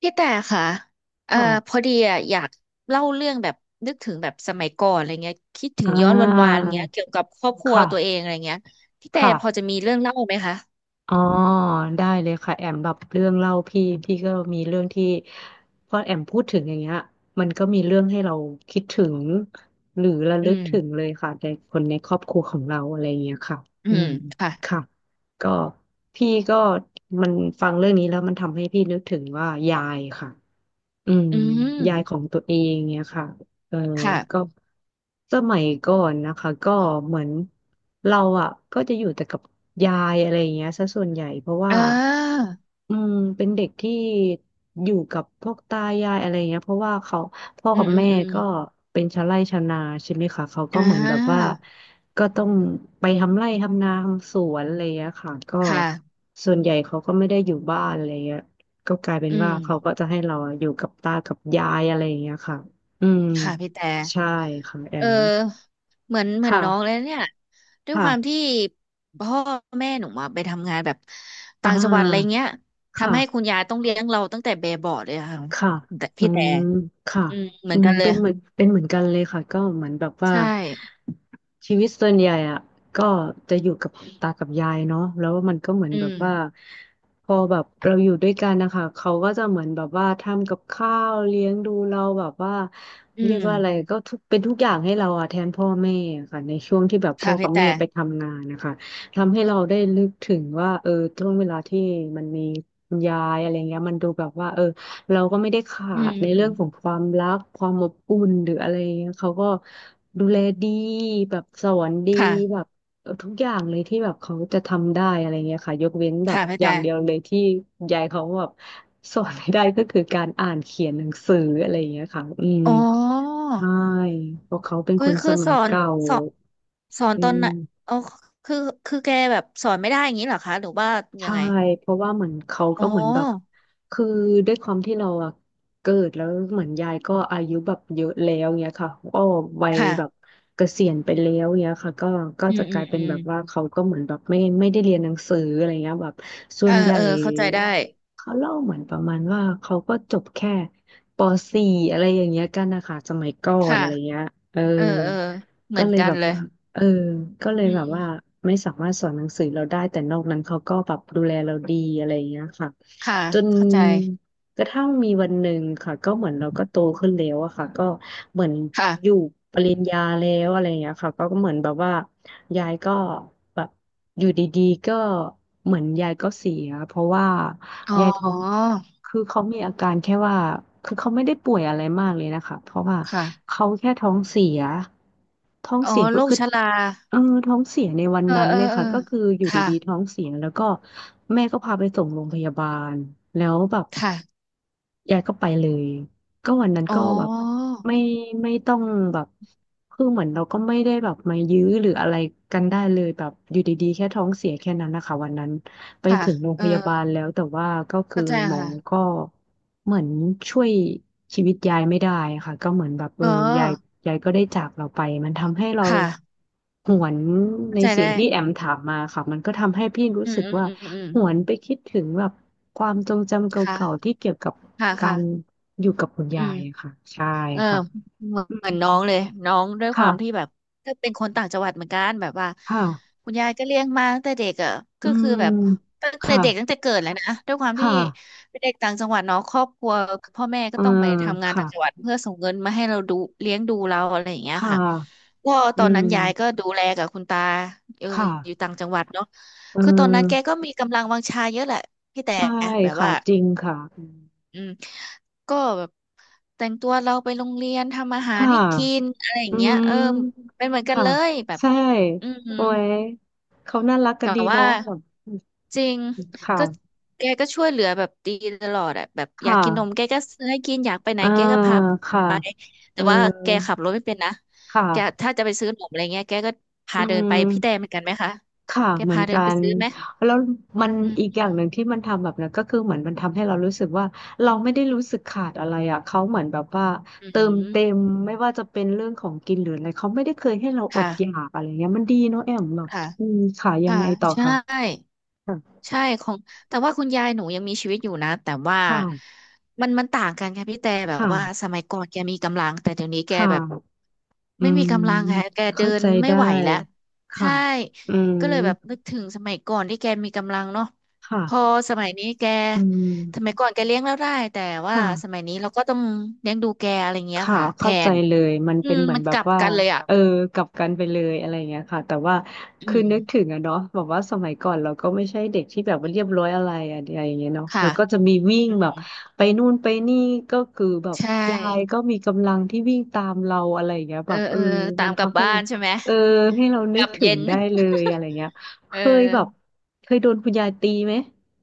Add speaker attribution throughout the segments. Speaker 1: พี่แต่ค่ะเอ่อพ
Speaker 2: ค่ะ
Speaker 1: อดีอ่ะอยากเล่าเรื่องแบบนึกถึงแบบสมัยก่อนอะไรเงี้ยคิดถึ
Speaker 2: อ่
Speaker 1: งย้อนวันวา
Speaker 2: า
Speaker 1: นเงี้ยเกี่ยวกับครอบครัวตัวเอ
Speaker 2: ค่ะ
Speaker 1: งอะไรเงี้ยพี่แต่
Speaker 2: ค่ะ
Speaker 1: พอจะมีเรื่องเล่าไหมคะ
Speaker 2: อ๋อได้เลยค่ะแอมแบบเรื่องเล่าพี่ก็มีเรื่องที่พอแอมพูดถึงอย่างเงี้ยมันก็มีเรื่องให้เราคิดถึงหรือระ
Speaker 1: อื
Speaker 2: ลึก
Speaker 1: ม
Speaker 2: ถึงเลยค่ะในคนในครอบครัวของเราอะไรอย่างเงี้ยค่ะ
Speaker 1: อื
Speaker 2: อื
Speaker 1: ม
Speaker 2: ม
Speaker 1: ค่ะ
Speaker 2: ค่ะก็พี่ก็มันฟังเรื่องนี้แล้วมันทำให้พี่นึกถึงว่ายายค่ะ อืม
Speaker 1: อืม
Speaker 2: ยายของตัวเองเนี่ยค่ะเออก็
Speaker 1: ค่ะ
Speaker 2: สมัยก่อนนะคะก็เหมือนเราอ่ะก็จะอยู่แต่กับยายอะไรอย่างเงี้ยซะส่วนใหญ่เพราะว่า
Speaker 1: อ่า
Speaker 2: อืมเป็นเด็กที่อยู่กับพวกตายายอะไรเงี้ยเพราะว่าเขาพ่อ
Speaker 1: อื
Speaker 2: กั
Speaker 1: ม
Speaker 2: บ
Speaker 1: อืม
Speaker 2: แม่
Speaker 1: อืม
Speaker 2: ก็เป็นชาวไร่ชาวนาใช่ไหมคะเขาก็
Speaker 1: อ่
Speaker 2: เหมือนแบบว่า
Speaker 1: า
Speaker 2: ก็ต้องไปทำไร่ทำนาทำสวนอะไรเงี้ยค่ะก็
Speaker 1: ค่ะ
Speaker 2: ส่วนใหญ่เขาก็ไม่ได้อยู่บ้านอะไรเงี้ยก็กลายเป็น
Speaker 1: อื
Speaker 2: ว่า
Speaker 1: ม
Speaker 2: เขาก็จะให้เราอยู่กับตากับยายอะไรเงี้ยค่ะอืม
Speaker 1: ค่ะพี่แต่
Speaker 2: ใช่ค่ะแอ
Speaker 1: เออ
Speaker 2: ม
Speaker 1: เหมือนน้องเลย
Speaker 2: ค่ะ
Speaker 1: เนี่ยด้วย
Speaker 2: ค่ะ
Speaker 1: ความที่พ่อแม่หนูมาไปทำงานแบบ
Speaker 2: อ่
Speaker 1: ต่างจังหวัดอะไร
Speaker 2: า
Speaker 1: เงี้ยทำให้คุณ
Speaker 2: ค่ะ
Speaker 1: ยายต้องเลี้ยงเราตั้งแต่เบเบาะเลยอะค่ะ
Speaker 2: ค่ะ
Speaker 1: แต่
Speaker 2: อื
Speaker 1: พี่แต่
Speaker 2: มค่ะ
Speaker 1: อืมเหมื
Speaker 2: อื
Speaker 1: อน
Speaker 2: ม
Speaker 1: กันเล
Speaker 2: เป็
Speaker 1: ย
Speaker 2: นเหมือนเป็นเหมือนกันเลยค่ะก็เหมือนแบบว่า
Speaker 1: ใช่
Speaker 2: ชีวิตส่วนใหญ่อะก็จะอยู่กับตากับยายเนาะแล้วมันก็เหมือน
Speaker 1: อื
Speaker 2: แบบ
Speaker 1: ม
Speaker 2: ว่าพอแบบเราอยู่ด้วยกันนะคะเขาก็จะเหมือนแบบว่าทำกับข้าวเลี้ยงดูเราแบบว่า
Speaker 1: อื
Speaker 2: เรียก
Speaker 1: ม
Speaker 2: ว่าอะไรก็ทุกเป็นทุกอย่างให้เราอะแทนพ่อแม่อะค่ะในช่วงที่แบบพ่อ
Speaker 1: ค่ะ
Speaker 2: กั
Speaker 1: พี่
Speaker 2: บแม่
Speaker 1: แต่
Speaker 2: ไปทำงานนะคะทำให้เราได้นึกถึงว่าเออช่วงเวลาที่มันมีคุณยายอะไรเงี้ยมันดูแบบว่าเออ เราก็ไม่ได้ขา
Speaker 1: อืม
Speaker 2: ดใน
Speaker 1: อื
Speaker 2: เรื่
Speaker 1: ม
Speaker 2: องของความรักความอบอุ่นหรืออะไรเงี้ยเขาก็ดูแลดีแบบสอนดี
Speaker 1: ค่ะ
Speaker 2: แบบเออทุกอย่างเลยที่แบบเขาจะทำได้อะไรเงี้ยค่ะยกเว้นแบบ
Speaker 1: ค่ะพี่
Speaker 2: อย่า
Speaker 1: แต่
Speaker 2: งเดียวเลยที่ยายเขาแบบสอนไม่ได้ก็คือการอ่านเขียนหนังสืออะไรเงี้ยค่ะอืม
Speaker 1: อ๋อ
Speaker 2: ใช่เพราะเขาเป็น
Speaker 1: คื
Speaker 2: ค
Speaker 1: อ
Speaker 2: นส
Speaker 1: คือ
Speaker 2: มัยเก่า
Speaker 1: สอนสอน
Speaker 2: อื
Speaker 1: ตอนไหน
Speaker 2: ม
Speaker 1: อ๋อคือคือแกแบบสอนไม่ได้อย่างนี้เหรอคะหรือว่ายั
Speaker 2: ใช่
Speaker 1: งไง
Speaker 2: เพราะว่าเหมือนเขา
Speaker 1: อ๋อ
Speaker 2: ก็เหมือนแบบคือด้วยความที่เราอะเกิดแล้วเหมือนยายก็อายุแบบเยอะแล้วเงี้ยค่ะก็วัย
Speaker 1: ค่ะ
Speaker 2: แบบเกษียณไปแล้วเงี้ยค่ะก็ก็
Speaker 1: อื
Speaker 2: จะ
Speaker 1: ม
Speaker 2: ก
Speaker 1: อื
Speaker 2: ลา
Speaker 1: ม
Speaker 2: ยเป็
Speaker 1: อื
Speaker 2: น
Speaker 1: ม
Speaker 2: แบบว่าเขาก็เหมือนแบบไม่ได้เรียนหนังสืออะไรเงี้ยแบบส่
Speaker 1: เอ
Speaker 2: ว
Speaker 1: อ
Speaker 2: นใหญ่
Speaker 1: เออเข้าใจได้
Speaker 2: เขาเล่าเหมือนประมาณว่าเขาก็จบแค่ป .4 อะไรอย่างเงี้ยกันนะคะสมัยก่อน
Speaker 1: ค่ะ
Speaker 2: อะไรเงี้ยเออ
Speaker 1: เออเออเหมื
Speaker 2: ก็
Speaker 1: อน
Speaker 2: เลย
Speaker 1: กัน
Speaker 2: แบบ
Speaker 1: เลย
Speaker 2: ว่า เออก็เลย
Speaker 1: อื
Speaker 2: แบบว่า
Speaker 1: ม
Speaker 2: ไม่สามารถสอนหนังสือเราได้แต่นอกนั้นเขาก็แบบดูแลเราดีอะไรอย่างเงี้ยค่ะ
Speaker 1: ค่ะ
Speaker 2: จน
Speaker 1: เข้าใจ
Speaker 2: กระทั่งมีวันหนึ่งค่ะก็เหมือนเราก็โตขึ้นแล้วอะค่ะก็เหมือน
Speaker 1: ค่ะ
Speaker 2: อยู่ปริญญาแล้วอะไรอย่างเงี้ยค่ะก็ก็เหมือนแบบว่ายายก็แบบอยู่ดีๆก็เหมือนยายก็เสียเพราะว่า
Speaker 1: อ๋อ
Speaker 2: ยายท้องคือเขามีอาการแค่ว่าคือเขาไม่ได้ป่วยอะไรมากเลยนะคะเพราะว่า
Speaker 1: ค่ะ
Speaker 2: เขาแค่ท้องเสียท้อง
Speaker 1: อ๋อ
Speaker 2: เสียก็
Speaker 1: โรค
Speaker 2: คือ
Speaker 1: ชรา
Speaker 2: เออท้องเสียในวัน
Speaker 1: เออ
Speaker 2: นั้น
Speaker 1: เออ
Speaker 2: เลย
Speaker 1: เออ
Speaker 2: ค่ะก็คืออยู่
Speaker 1: ค่ะ
Speaker 2: ดีๆท้องเสียแล้วก็แม่ก็พาไปส่งโรงพยาบาลแล้วแบบ
Speaker 1: ค่ะ
Speaker 2: ยายก็ไปเลยก็วันนั้น
Speaker 1: อ๋อ
Speaker 2: ก็แบบไม่ไม่ต้องแบบคือเหมือนเราก็ไม่ได้แบบมายื้อหรืออะไรกันได้เลยแบบอยู่ดีๆแค่ท้องเสียแค่นั้นนะคะวันนั้นไป
Speaker 1: ค่ะ
Speaker 2: ถึงโรง
Speaker 1: เอ
Speaker 2: พ
Speaker 1: อ
Speaker 2: ยาบาลแล้วแต่ว่าก็คือ
Speaker 1: เข้าใจ
Speaker 2: หมอ
Speaker 1: ค่ะ
Speaker 2: ก็เหมือนช่วยชีวิตยายไม่ได้ค่ะก็เหมือนแบบเอ
Speaker 1: เอ
Speaker 2: อยาย
Speaker 1: อ
Speaker 2: ยายก็ได้จากเราไปมันทำให้เรา
Speaker 1: ค่ะ
Speaker 2: หวนใน
Speaker 1: เข้าใจ
Speaker 2: สิ่
Speaker 1: ได้
Speaker 2: งที่แอมถามมาค่ะมันก็ทำให้พี่รู้
Speaker 1: อืม
Speaker 2: สึก
Speaker 1: อืม
Speaker 2: ว่า
Speaker 1: อืมอืม
Speaker 2: หวนไปคิดถึงแบบความทรงจำเก
Speaker 1: ค่ะ
Speaker 2: ่าๆที่เกี่ยวกับ
Speaker 1: ค่ะ
Speaker 2: กา
Speaker 1: ค่ะ
Speaker 2: รอยู่กับคุณ
Speaker 1: อื
Speaker 2: ยา
Speaker 1: ม
Speaker 2: ยอะค่ะใช่
Speaker 1: เออ
Speaker 2: ค่ะ
Speaker 1: เหมือน
Speaker 2: อื
Speaker 1: เหมือนน้อ
Speaker 2: ม
Speaker 1: งเลยน้องด้วยค
Speaker 2: ค่ะ
Speaker 1: วามที่แบบก็เป็นคนต่างจังหวัดเหมือนกันแบบว่า
Speaker 2: ค่ะ
Speaker 1: คุณยายก็เลี้ยงมาตั้งแต่เด็กอ่ะ
Speaker 2: อื
Speaker 1: ก็คือ
Speaker 2: ม
Speaker 1: แบบตั้งแต่
Speaker 2: ค่ะ
Speaker 1: เด็กตั้งแต่เกิดแหล้วนะด้วยความที่
Speaker 2: ค่ะ
Speaker 1: เป็นเด็กต่างจังหวัดเนาะครอบครัวพ่อแม่ก็
Speaker 2: เออ
Speaker 1: ต้องไปทำงาน
Speaker 2: ค่ะ
Speaker 1: ต่างจังหวัดเพื่อส่งเงินมาให้เราดูเลี้ยงดูเราอะไรอย่างเงี้ย
Speaker 2: ค่ะ
Speaker 1: ค่ะก็ต
Speaker 2: อื
Speaker 1: อน
Speaker 2: ม
Speaker 1: นั้นยายก็ดูแลกับคุณตาเออ
Speaker 2: ค่ะ
Speaker 1: อยู่ต่างจังหวัดเนาะ
Speaker 2: เอ
Speaker 1: คือตอนนั้
Speaker 2: อ
Speaker 1: นแกก็มีกำลังวังชาเยอะแหละพี่แต่
Speaker 2: ใช่
Speaker 1: แบบ
Speaker 2: ค่ะ
Speaker 1: ว่า
Speaker 2: จริงค่ะอืม
Speaker 1: อืมก็แบบแต่งตัวเราไปโรงเรียนทำอาหาร
Speaker 2: ค่ะ
Speaker 1: ให้กินอะไรอย่า
Speaker 2: อื
Speaker 1: งเงี้ยเออ
Speaker 2: ม
Speaker 1: เป็นเหมือนกัน
Speaker 2: ค่ะ
Speaker 1: เลยแบบ
Speaker 2: ใช่
Speaker 1: อืม
Speaker 2: โอ้ยเขาน่ารักกั
Speaker 1: แต่
Speaker 2: นดี
Speaker 1: ว่า
Speaker 2: เนาะแบบ
Speaker 1: จริงก็
Speaker 2: ค่ะ
Speaker 1: แกก็ช่วยเหลือแบบดีตลอดอะแบบอยาก
Speaker 2: ค่ะ
Speaker 1: กินนมแกก็ซื้อให้กินอยากไปไหน
Speaker 2: อ่า
Speaker 1: แกก็พา
Speaker 2: ค่ะ
Speaker 1: ไป
Speaker 2: เอ
Speaker 1: แต่ว่าแกขั
Speaker 2: อ
Speaker 1: บรถไม่เป็นนะ
Speaker 2: ค
Speaker 1: แก
Speaker 2: ่ะ
Speaker 1: ถ้าจะไปซื้อนมอะไรเงี้ยแกก็
Speaker 2: อื
Speaker 1: พาเดินไปพี่แตนเห
Speaker 2: ม
Speaker 1: มือนกันไหมคะ
Speaker 2: ค่ะ
Speaker 1: แก
Speaker 2: เหมือ
Speaker 1: พา
Speaker 2: น
Speaker 1: เดิ
Speaker 2: กั
Speaker 1: นไป
Speaker 2: น
Speaker 1: ซื้อไหม
Speaker 2: แล้วมัน
Speaker 1: อื
Speaker 2: อีกอ
Speaker 1: ม
Speaker 2: ย่างหนึ่งที่มันทำแบบนั้นก็คือเหมือนมันทำให้เรารู้สึกว่าเราไม่ได้รู้สึกขาดอะไรอ่ะเขาเหมือนแบบว่า
Speaker 1: อื
Speaker 2: เติม
Speaker 1: ม
Speaker 2: เต็มไม่ว่าจะเป็นเรื่องของกินหรืออะไรเขาไม่ได้เคยให้เราอด
Speaker 1: ค่ะ
Speaker 2: อยากอะไรเงี้ยมันดีเนาะแอมแบบ
Speaker 1: ค่ะ
Speaker 2: อืมค่ะยัง
Speaker 1: ค่ะ
Speaker 2: ไงต่อ
Speaker 1: ใช่
Speaker 2: ค่ะค่ะ
Speaker 1: ใช่ของแต่ว่าคุณยายหนูยังมีชีวิตอยู่นะแต่ว่า
Speaker 2: ค่ะ
Speaker 1: มันมันต่างกันค่ะพี่แต่แบบว่า
Speaker 2: ค่ะ
Speaker 1: สมัยก่อนแกมีกำลังแต่เดี๋ยวนี้แก
Speaker 2: ค่ะ
Speaker 1: แบบ
Speaker 2: อื
Speaker 1: ไม่
Speaker 2: ม
Speaker 1: มีกำลังค่ะแกเดิ
Speaker 2: เข้า
Speaker 1: น
Speaker 2: ใจ
Speaker 1: ไม่
Speaker 2: ได้
Speaker 1: ไหวแล้ว
Speaker 2: ค่ะ
Speaker 1: ใช่
Speaker 2: อืม
Speaker 1: ก็เลยแบบนึกถึงสมัยก่อนที่แกมีกำลังเนาะพอ
Speaker 2: ค่ะ
Speaker 1: สมัยนี้แก
Speaker 2: อื
Speaker 1: สมัย
Speaker 2: ม
Speaker 1: ก่อนแกเลี้ยงเราได้แต่ว่า
Speaker 2: ค่ะ
Speaker 1: สมัยนี้เราก็ต้องเลี้ยงดูแกอะไรเงี้ย
Speaker 2: ค่ะ
Speaker 1: ค่ะแท
Speaker 2: เข้าใจ
Speaker 1: น
Speaker 2: เลยมัน
Speaker 1: อื
Speaker 2: เป็น
Speaker 1: ม
Speaker 2: เหมือ
Speaker 1: มั
Speaker 2: น
Speaker 1: น
Speaker 2: แบ
Speaker 1: ก
Speaker 2: บ
Speaker 1: ลับ
Speaker 2: ว่า
Speaker 1: กันเลยอ่ะ
Speaker 2: เออกลับกันไปเลยอะไรอย่างเงี้ยค่ะแต่ว่า
Speaker 1: อื
Speaker 2: คือนึกถึ
Speaker 1: ม
Speaker 2: งอะเนาะแบบว่าสมัยก่อนเราก็ไม่ใช่เด็กที่แบบว่าเรียบร้อยอะไรอะอะไรอย่างเงี้ยเนาะ
Speaker 1: ค่ะ
Speaker 2: แล้วก็จะมีวิ่ง
Speaker 1: อืม
Speaker 2: แบบไปนู่นไปนี่ก็คือแบบ
Speaker 1: ใช่
Speaker 2: ยายก็มีกำลังที่วิ่งตามเราอะไรอย่างเงี้ยแบ
Speaker 1: เออ
Speaker 2: บเอ
Speaker 1: เอ
Speaker 2: อ
Speaker 1: อตา
Speaker 2: มั
Speaker 1: ม
Speaker 2: น
Speaker 1: กลับ
Speaker 2: ทำให้
Speaker 1: บ้า
Speaker 2: เรา
Speaker 1: นใช่ไหม
Speaker 2: เออให้เรา
Speaker 1: ก
Speaker 2: นึ
Speaker 1: ลั
Speaker 2: ก
Speaker 1: บ
Speaker 2: ถึง
Speaker 1: เย็น
Speaker 2: ได้เลยอะไรเงี้ย
Speaker 1: เอ
Speaker 2: เคยแบบ
Speaker 1: อ
Speaker 2: เคยโดนคุณยายตีไหม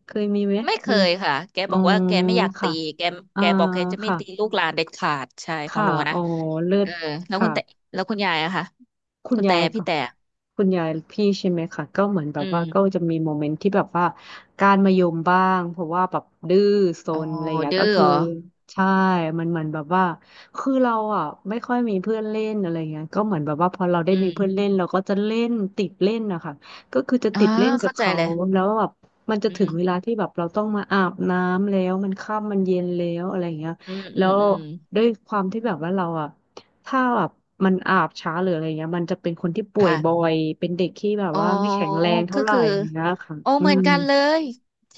Speaker 2: เคยมีไหม
Speaker 1: ไม่เค
Speaker 2: มี
Speaker 1: ยค่ะแก
Speaker 2: อ๋
Speaker 1: บ
Speaker 2: อ
Speaker 1: อกว่าแกไม่อยากตี
Speaker 2: ค่ะ
Speaker 1: แก
Speaker 2: อ่า
Speaker 1: แกบอกแกจะไม่
Speaker 2: ค่ะ
Speaker 1: ตีลูกหลานเด็ดขาดใช่ของ
Speaker 2: ค่ะ
Speaker 1: หนู
Speaker 2: อ๋
Speaker 1: นะ
Speaker 2: อเลิ
Speaker 1: เอ
Speaker 2: ศ
Speaker 1: อแล้วคุ
Speaker 2: ค่ะ
Speaker 1: ณแต่แล้วคุณยายอะค่ะ
Speaker 2: คุณ
Speaker 1: คุณ
Speaker 2: ยา
Speaker 1: แต่
Speaker 2: ย
Speaker 1: พี่
Speaker 2: ฝั่ง
Speaker 1: แต่
Speaker 2: คุณยายพี่ใช่ไหมคะก็เหมือนแบ
Speaker 1: อื
Speaker 2: บว่า
Speaker 1: ม
Speaker 2: ก็จะมีโมเมนต์ที่แบบว่าการมายมบ้างเพราะว่าแบบดื้อซ
Speaker 1: อ๋อ
Speaker 2: นอะไรอย่างเงี้ย
Speaker 1: ดื้อ
Speaker 2: ก็
Speaker 1: เหร
Speaker 2: คือ
Speaker 1: อ
Speaker 2: ใช่มันเหมือนแบบว่าคือเราอ่ะไม่ค่อยมีเพื่อนเล่นอะไรเงี้ยก็เหมือนแบบว่าพอเราได้
Speaker 1: อื
Speaker 2: มีเพื่อน
Speaker 1: ม
Speaker 2: เล่นเราก็จะเล่นติดเล่นนะคะก็คือจะ
Speaker 1: อ่า
Speaker 2: ติดเล่นกับ
Speaker 1: เข้าใจ
Speaker 2: เขา
Speaker 1: เลย
Speaker 2: แล้วแบบมันจะ
Speaker 1: อื
Speaker 2: ถึงเว
Speaker 1: ม
Speaker 2: ลาที่แบบเราต้องมาอาบน้ำแล้วมันค่ำมันเย็นแล้วอะไรอย่างเงี้ย
Speaker 1: อืมอื
Speaker 2: แล้
Speaker 1: ม
Speaker 2: ว
Speaker 1: อืม
Speaker 2: ด้วยความที่แบบว่าเราอ่ะ ถ้าแบบมันอาบช้าหรืออะไรเงี้ยมันจะเป็นคนที่ป่วยบ่อ
Speaker 1: ค่ะ
Speaker 2: ยเป็นเด็กที่แบบ
Speaker 1: อ๋อ
Speaker 2: ว่าไม่แข็งแรงเท่า
Speaker 1: ก็
Speaker 2: ไหร่
Speaker 1: คือ
Speaker 2: อะไรเงี้ยค่ะ
Speaker 1: โอ้
Speaker 2: อื
Speaker 1: เหมือน
Speaker 2: ม
Speaker 1: กันเลยท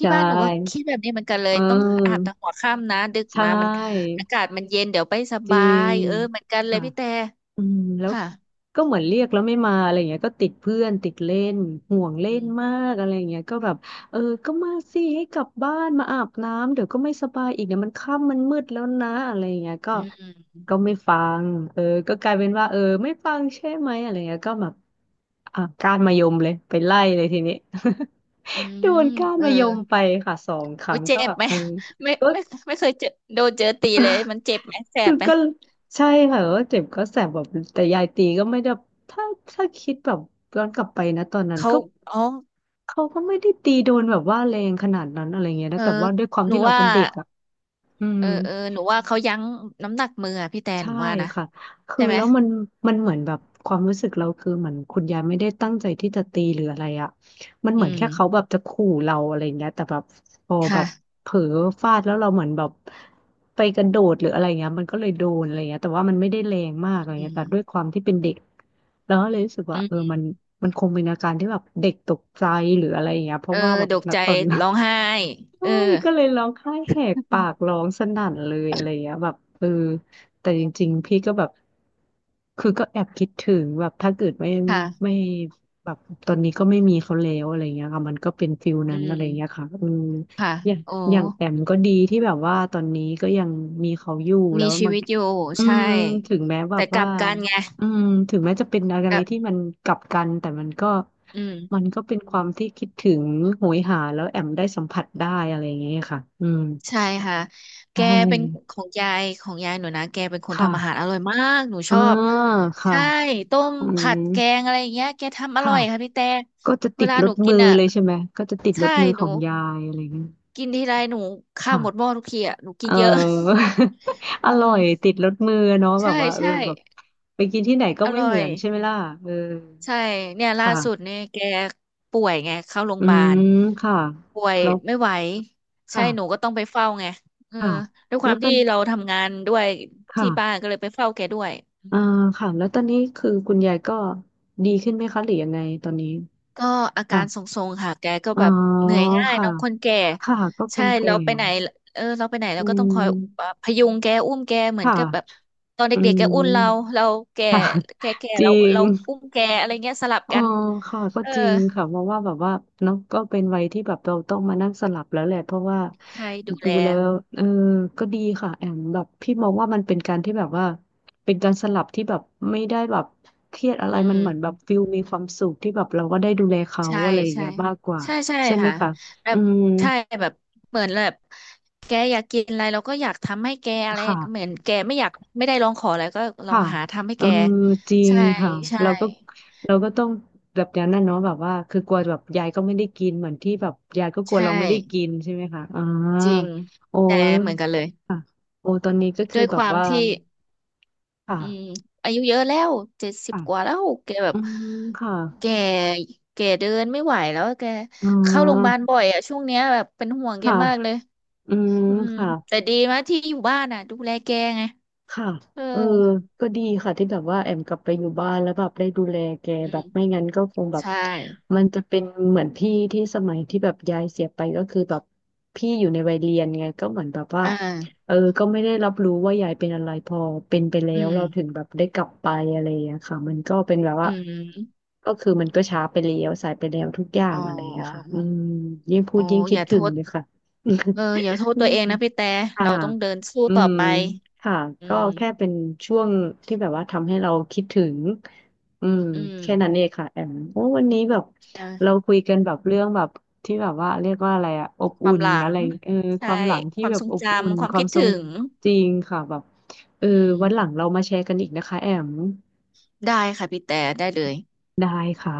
Speaker 2: ใช
Speaker 1: ี่บ้านหนูก็
Speaker 2: ่
Speaker 1: คิดแบบนี้เหมือนกันเล
Speaker 2: เ
Speaker 1: ยต้องอาบ
Speaker 2: ออ
Speaker 1: แต่หัวค่ำนะดึก
Speaker 2: ใช
Speaker 1: มามัน
Speaker 2: ่
Speaker 1: อากาศมันเย็นเดี๋ยวไปส
Speaker 2: จริ
Speaker 1: บา
Speaker 2: ง
Speaker 1: ยเออเหมือนกันเลย
Speaker 2: ค่ะ
Speaker 1: พี่แต่
Speaker 2: อืมแล้ว
Speaker 1: ค่ะ
Speaker 2: ก็เหมือนเรียกแล้วไม่มาอะไรเงี้ยก็ติดเพื่อนติดเล่นห่วงเล่
Speaker 1: อื
Speaker 2: น
Speaker 1: ม
Speaker 2: มากอะไรเงี้ยก็แบบเออก็มาสิให้กลับบ้านมาอาบน้ำเดี๋ยวก็ไม่สบายอีกเดี๋ยวมันค่ำมันมืดแล้วนะอะไรเงี้ยก็
Speaker 1: อืม
Speaker 2: ก็ไม่ฟังเออก็กลายเป็นว่าเออไม่ฟังใช่ไหมอะไรเงี้ยก็แบบอ่ะก้านมะยมเลยไปไล่เลยทีนี้
Speaker 1: อื
Speaker 2: โด
Speaker 1: ม
Speaker 2: นก้าน
Speaker 1: เออ
Speaker 2: มะยมไปค่ะสองค
Speaker 1: โอ้
Speaker 2: รั้ง
Speaker 1: ยเจ็
Speaker 2: ก็
Speaker 1: บ
Speaker 2: แบบ
Speaker 1: ไหม
Speaker 2: เออ
Speaker 1: ไม่
Speaker 2: ก็
Speaker 1: ไม่ไม่เคยเจอโดนเจอตีเลยมันเจ็บไหมแส
Speaker 2: คื
Speaker 1: บ
Speaker 2: อ
Speaker 1: ไหม
Speaker 2: ก็ใช่ค่ะว่าเจ็บก็แสบแบบแต่ยายตีก็ไม่ได้ถ้าถ้าคิดแบบย้อนกลับไปนะตอนนั้น
Speaker 1: เขา
Speaker 2: ก็
Speaker 1: อ๋อ
Speaker 2: เขาก็ไม่ได้ตีโดนแบบว่าแรงขนาดนั้นอะไรเงี้ย
Speaker 1: เอ
Speaker 2: นะ
Speaker 1: อ
Speaker 2: แต่ว่าด้วยความ
Speaker 1: หนู
Speaker 2: ที่เรา
Speaker 1: ว่า
Speaker 2: เป็นเด็กอ่ะอื
Speaker 1: เอ
Speaker 2: ม
Speaker 1: อเออหนูว่าเขายั้งน้ำหนักมืออะพี่แต่ห
Speaker 2: ใช่
Speaker 1: นูว่านะ
Speaker 2: ค่ะคือ
Speaker 1: ใช่ไหม
Speaker 2: แล้วมันเหมือนแบบความรู้สึกเราคือเหมือนคุณยายไม่ได้ตั้งใจที่จะตีหรืออะไรอ่ะมัน
Speaker 1: อื
Speaker 2: เหมือน
Speaker 1: ม
Speaker 2: แค่เขาแบบจะขู่เราอะไรอย่างเงี้ยแต่แบบพอแบ
Speaker 1: ค่ะ
Speaker 2: บเผลอฟาดแล้วเราเหมือนแบบไปกระโดดหรืออะไรเงี้ยมันก็เลยโดนอะไรเงี้ยแต่ว่ามันไม่ได้แรงมากอะไร
Speaker 1: อื
Speaker 2: เงี้ย
Speaker 1: ม
Speaker 2: แต่ด้วยความที่เป็นเด็กแล้วก็เลยรู้สึกว่าเออมันมันคงเป็นอาการที่แบบเด็กตกใจหรืออะไรอย่างเงี้ยเพ
Speaker 1: เอ
Speaker 2: ราะ
Speaker 1: อ
Speaker 2: ว่าแบบ
Speaker 1: ดก
Speaker 2: ณ
Speaker 1: ใจ
Speaker 2: ตอนนั้น
Speaker 1: ร้องไห้ เอ
Speaker 2: ใช่
Speaker 1: อ
Speaker 2: ก็เลยร้องไห้แหกปากร้องสนั่นเลยอะไรอย่างเงี้ยแบบเออแต่จริงๆพี่ก็แบบคือก็แอบคิดถึงแบบถ้าเกิดไม่ไม่
Speaker 1: ค่ะ
Speaker 2: แบบตอนนี้ก็ไม่มีเขาแล้วอะไรเงี้ยค่ะมันก็เป็นฟิล
Speaker 1: อื
Speaker 2: นั้นอะไรเงี้ย
Speaker 1: ม
Speaker 2: ค่ะอืม
Speaker 1: ค่ะ
Speaker 2: อย่าง
Speaker 1: โอ้
Speaker 2: อย่างแอมก็ดีที่แบบว่าตอนนี้ก็ยังมีเขาอยู่แล้
Speaker 1: มี
Speaker 2: ว
Speaker 1: ชี
Speaker 2: มัน
Speaker 1: วิตอยู่
Speaker 2: อื
Speaker 1: ใช่
Speaker 2: มถึงแม้แบ
Speaker 1: แต่
Speaker 2: บ
Speaker 1: ก
Speaker 2: ว่า
Speaker 1: ลับกันไง
Speaker 2: อืมถึงแม้จะเป็นอะ
Speaker 1: ก
Speaker 2: ไร
Speaker 1: ลับ
Speaker 2: ที่มันกลับกันแต่มันก็
Speaker 1: อื
Speaker 2: มัน
Speaker 1: ม
Speaker 2: ก็เป็นความที่คิดถึงโหยหาแล้วแอมได้สัมผัสได้อะไรอย่างเงี้ยค่ะอืม
Speaker 1: ใช่ค่ะ
Speaker 2: ใช
Speaker 1: แกเป็นข
Speaker 2: ่
Speaker 1: องยายของยายหนูนะ แกเป็นค
Speaker 2: ค
Speaker 1: นทำอาหารอ
Speaker 2: ่ะ
Speaker 1: ร่อยมาก หนูช
Speaker 2: อ่า
Speaker 1: อบ
Speaker 2: ค่ะ
Speaker 1: ใช่ ต้ม
Speaker 2: อื
Speaker 1: ผั
Speaker 2: ม
Speaker 1: ดแกง อะไรอย่างเงี้ยแกทำอร่อ
Speaker 2: ค่ะ
Speaker 1: ยค่ะพี่แต่
Speaker 2: ก็จะ
Speaker 1: เว
Speaker 2: ติด
Speaker 1: ลา
Speaker 2: ร
Speaker 1: หนู
Speaker 2: ถ
Speaker 1: กิน
Speaker 2: มือ
Speaker 1: อ่ะ
Speaker 2: เลยใช่ไหมก็จะติดร
Speaker 1: ใช่
Speaker 2: ถมือ
Speaker 1: ห
Speaker 2: ขอ
Speaker 1: นู
Speaker 2: งยายอะไรอย่างเงี้ย
Speaker 1: กินทีไรหนูข้าว
Speaker 2: ค่ะ
Speaker 1: หมดหม้อทุกทีอ่ะหนูกิ
Speaker 2: เอ
Speaker 1: น
Speaker 2: อ
Speaker 1: เยอะ
Speaker 2: อ
Speaker 1: อื
Speaker 2: ร่อ
Speaker 1: ม
Speaker 2: ยติดรสมือเนาะแบบ
Speaker 1: ใช่
Speaker 2: ว่าเออ
Speaker 1: ใช่
Speaker 2: แบบไปกินที่ไหนก็
Speaker 1: อ
Speaker 2: ไม่
Speaker 1: ร่อ
Speaker 2: เหมื
Speaker 1: ย
Speaker 2: อนใช่ไหมล่ะเออ
Speaker 1: ใช่เนี่ยล่าสุด
Speaker 2: ค่ะ
Speaker 1: เนี่ยแกป่วยไงเข้าโรงพ
Speaker 2: อื
Speaker 1: ยาบาล
Speaker 2: มค่ะ
Speaker 1: ป่วย
Speaker 2: แล้ว
Speaker 1: ไม่ไหวใช่หนู
Speaker 2: ค่ะ
Speaker 1: ก็ต้องไปเฝ้าไงเออ
Speaker 2: ค่ะ
Speaker 1: ด้วยค
Speaker 2: แล้
Speaker 1: วา
Speaker 2: ว
Speaker 1: ม
Speaker 2: ตอ
Speaker 1: ที่
Speaker 2: น
Speaker 1: เราทำงานด้วยที่บ้าน
Speaker 2: ค่ะ
Speaker 1: ก็เลยไปเฝ้าแกด้วย
Speaker 2: อ่าค่ะแล้วตอนนี้คือคุณยายก็ดีขึ้นไหมคะหรือยังไงตอนนี้
Speaker 1: ก็อาการท
Speaker 2: ค่ะ
Speaker 1: รงๆค่ะแกก็
Speaker 2: อ๋อ
Speaker 1: แบบเหนื่อยง่าย
Speaker 2: ค่ะ
Speaker 1: เน้องคนแก่
Speaker 2: ค่ะก็ค
Speaker 1: ใช่
Speaker 2: นแก่
Speaker 1: เราไปไหนเออเราไปไหน
Speaker 2: อื
Speaker 1: เราก็ต้องคอย
Speaker 2: ม
Speaker 1: พยุงแกอุ้มแกเหมือน
Speaker 2: ค่ะ
Speaker 1: กับแบบตอนเด็
Speaker 2: อื
Speaker 1: กๆแกอุ้
Speaker 2: ม
Speaker 1: มเราเราแก
Speaker 2: ค่ะ จริง
Speaker 1: เราอุ้มแกอะไรเงี้ยสลับ
Speaker 2: อ๋อ
Speaker 1: กัน
Speaker 2: ค่ะ ก็
Speaker 1: เออ
Speaker 2: จริงค่ะเพราะว่าแบบว่าเนาะก็เป็นวัยที่แบบเราต้องมานั่งสลับแล้วแหละ เพราะว่า
Speaker 1: ใช่ดู
Speaker 2: ดู
Speaker 1: แล
Speaker 2: แล้วเออ ก็ดีค่ะแอมแบบพี่มองว่ามันเป็นการที่แบบว่าเป็นการสลับที่แบบไม่ได้แบบเครียดอะไร
Speaker 1: อื
Speaker 2: มัน
Speaker 1: ม
Speaker 2: เหมือนแบบฟิลมีความสุขที่แบบเราก็ได้ดูแลเขา
Speaker 1: ใช่
Speaker 2: อะไรอย่าง
Speaker 1: ใช่
Speaker 2: เงี้ยมากกว่า
Speaker 1: ใช่ใช่
Speaker 2: ใช่ไหม
Speaker 1: ค่ะ
Speaker 2: คะ
Speaker 1: แบ
Speaker 2: อื
Speaker 1: บ
Speaker 2: ม
Speaker 1: ใช่แบบเหมือนแบบแกอยากกินอะไรเราก็อยากทำให้แกอะไร
Speaker 2: ค่ะ
Speaker 1: เหมือนแกไม่อยากไม่ได้ร้องขออะไรก็เรา
Speaker 2: ค่ะ
Speaker 1: หาทำให้
Speaker 2: เออ
Speaker 1: แก
Speaker 2: จริง
Speaker 1: ใช่
Speaker 2: ค่ะ
Speaker 1: ใช่
Speaker 2: เราก็เราก็ต้องแบบนั้นน่ะเนาะแบบว่าคือกลัวแบบยายก็ไม่ได้กินเหมือนที่แบบยายก็กลัว
Speaker 1: ใช่
Speaker 2: เราไม่ได้กินใช่ไหมคะอ่า
Speaker 1: จริง
Speaker 2: โอ
Speaker 1: แต่เหมือน
Speaker 2: ้
Speaker 1: กันเลย
Speaker 2: ค่ะโอ้ตอนนี้ก็คื
Speaker 1: ด้
Speaker 2: อ
Speaker 1: วย
Speaker 2: แบ
Speaker 1: ค
Speaker 2: บ
Speaker 1: วาม
Speaker 2: ว่า
Speaker 1: ที่อืม
Speaker 2: ค่ะ
Speaker 1: อายุเยอะแล้วเจ็ดสิบ
Speaker 2: ค่ะ
Speaker 1: กว่าแล้วแกแบ
Speaker 2: อื
Speaker 1: บ
Speaker 2: มค่ะ
Speaker 1: แกแกเดินไม่ไหวแล้วแก
Speaker 2: อ่
Speaker 1: เข้าโรงพยาบา
Speaker 2: า
Speaker 1: ลบ่อยอะช่วงเนี้ยแบบเป็นห่วงแก
Speaker 2: ค่ะ
Speaker 1: มากเลย
Speaker 2: อืม
Speaker 1: อืม
Speaker 2: ค่ะ
Speaker 1: แต่ดีมากที่อยู่บ้านอ่ะดูแลแกไง
Speaker 2: ค่ะ
Speaker 1: เออ
Speaker 2: เออก็ดีค่ะที่แบบว่าแอมกลับไปอยู่บ้านแล้วแบบได้ดูแลแก
Speaker 1: อื
Speaker 2: แบบ
Speaker 1: ม
Speaker 2: ไม่งั้นก็คงแบบ
Speaker 1: ใช่
Speaker 2: มันจะเป็นเหมือนพี่ที่สมัยที่แบบยายเสียไปก็คือแบบพี่อยู่ในวัยเรียนไงก็เหมือนแบบว่า
Speaker 1: อ่า
Speaker 2: เออก็ไม่ได้รับรู้ว่ายายเป็นอะไรพอเป็นไปแล้
Speaker 1: อื
Speaker 2: ว
Speaker 1: ม
Speaker 2: เราถึงแบบได้กลับไปอะไรอย่างเงี้ยค่ะมันก็เป็นแบบ
Speaker 1: อื
Speaker 2: ว่า
Speaker 1: ม
Speaker 2: ก็คือมันก็ช้าไปแล้วสายไปแล้วทุกอย่า
Speaker 1: อ๋
Speaker 2: ง
Speaker 1: อ
Speaker 2: อะไรอย่างเงี้ยค่ะอืมยิ่งพู
Speaker 1: อ๋
Speaker 2: ด
Speaker 1: อ
Speaker 2: ยิ่ง
Speaker 1: อ
Speaker 2: คิด
Speaker 1: ย่าโท
Speaker 2: ถึง
Speaker 1: ษ
Speaker 2: เลยค่ะ
Speaker 1: เอออย่าโท ษตั
Speaker 2: นี่
Speaker 1: วเองนะพี่แต่
Speaker 2: ค่ะ
Speaker 1: เราต้องเดินสู้
Speaker 2: อื
Speaker 1: ต่อ
Speaker 2: ม
Speaker 1: ไป
Speaker 2: ค่ะ
Speaker 1: อื
Speaker 2: ก็
Speaker 1: ม
Speaker 2: แค่เป็นช่วงที่แบบว่าทำให้เราคิดถึงอืม
Speaker 1: อื
Speaker 2: แค่นั้น
Speaker 1: ม
Speaker 2: เองค่ะแอมโอ้วันนี้แบบเรา
Speaker 1: เออ
Speaker 2: คุยกันแบบเรื่องแบบที่แบบว่าเรียกว่าอะไรอะอบ
Speaker 1: ควา
Speaker 2: อุ่
Speaker 1: ม
Speaker 2: น
Speaker 1: หลั
Speaker 2: อะ
Speaker 1: ง
Speaker 2: ไรเออควา
Speaker 1: ใช่
Speaker 2: มหลังที่
Speaker 1: ความ
Speaker 2: แบบ
Speaker 1: ทรง
Speaker 2: อบอุ่น
Speaker 1: จำ ควา
Speaker 2: ค
Speaker 1: ม
Speaker 2: วา
Speaker 1: คิ
Speaker 2: ม
Speaker 1: ด
Speaker 2: ทรง
Speaker 1: ถึง
Speaker 2: จริงค่ะแบบเออ
Speaker 1: อืม
Speaker 2: วันหลังเรามาแชร์กันอีกนะคะแอม
Speaker 1: ได้ค่ะพี่แต่ ได้เลย
Speaker 2: ได้ค่ะ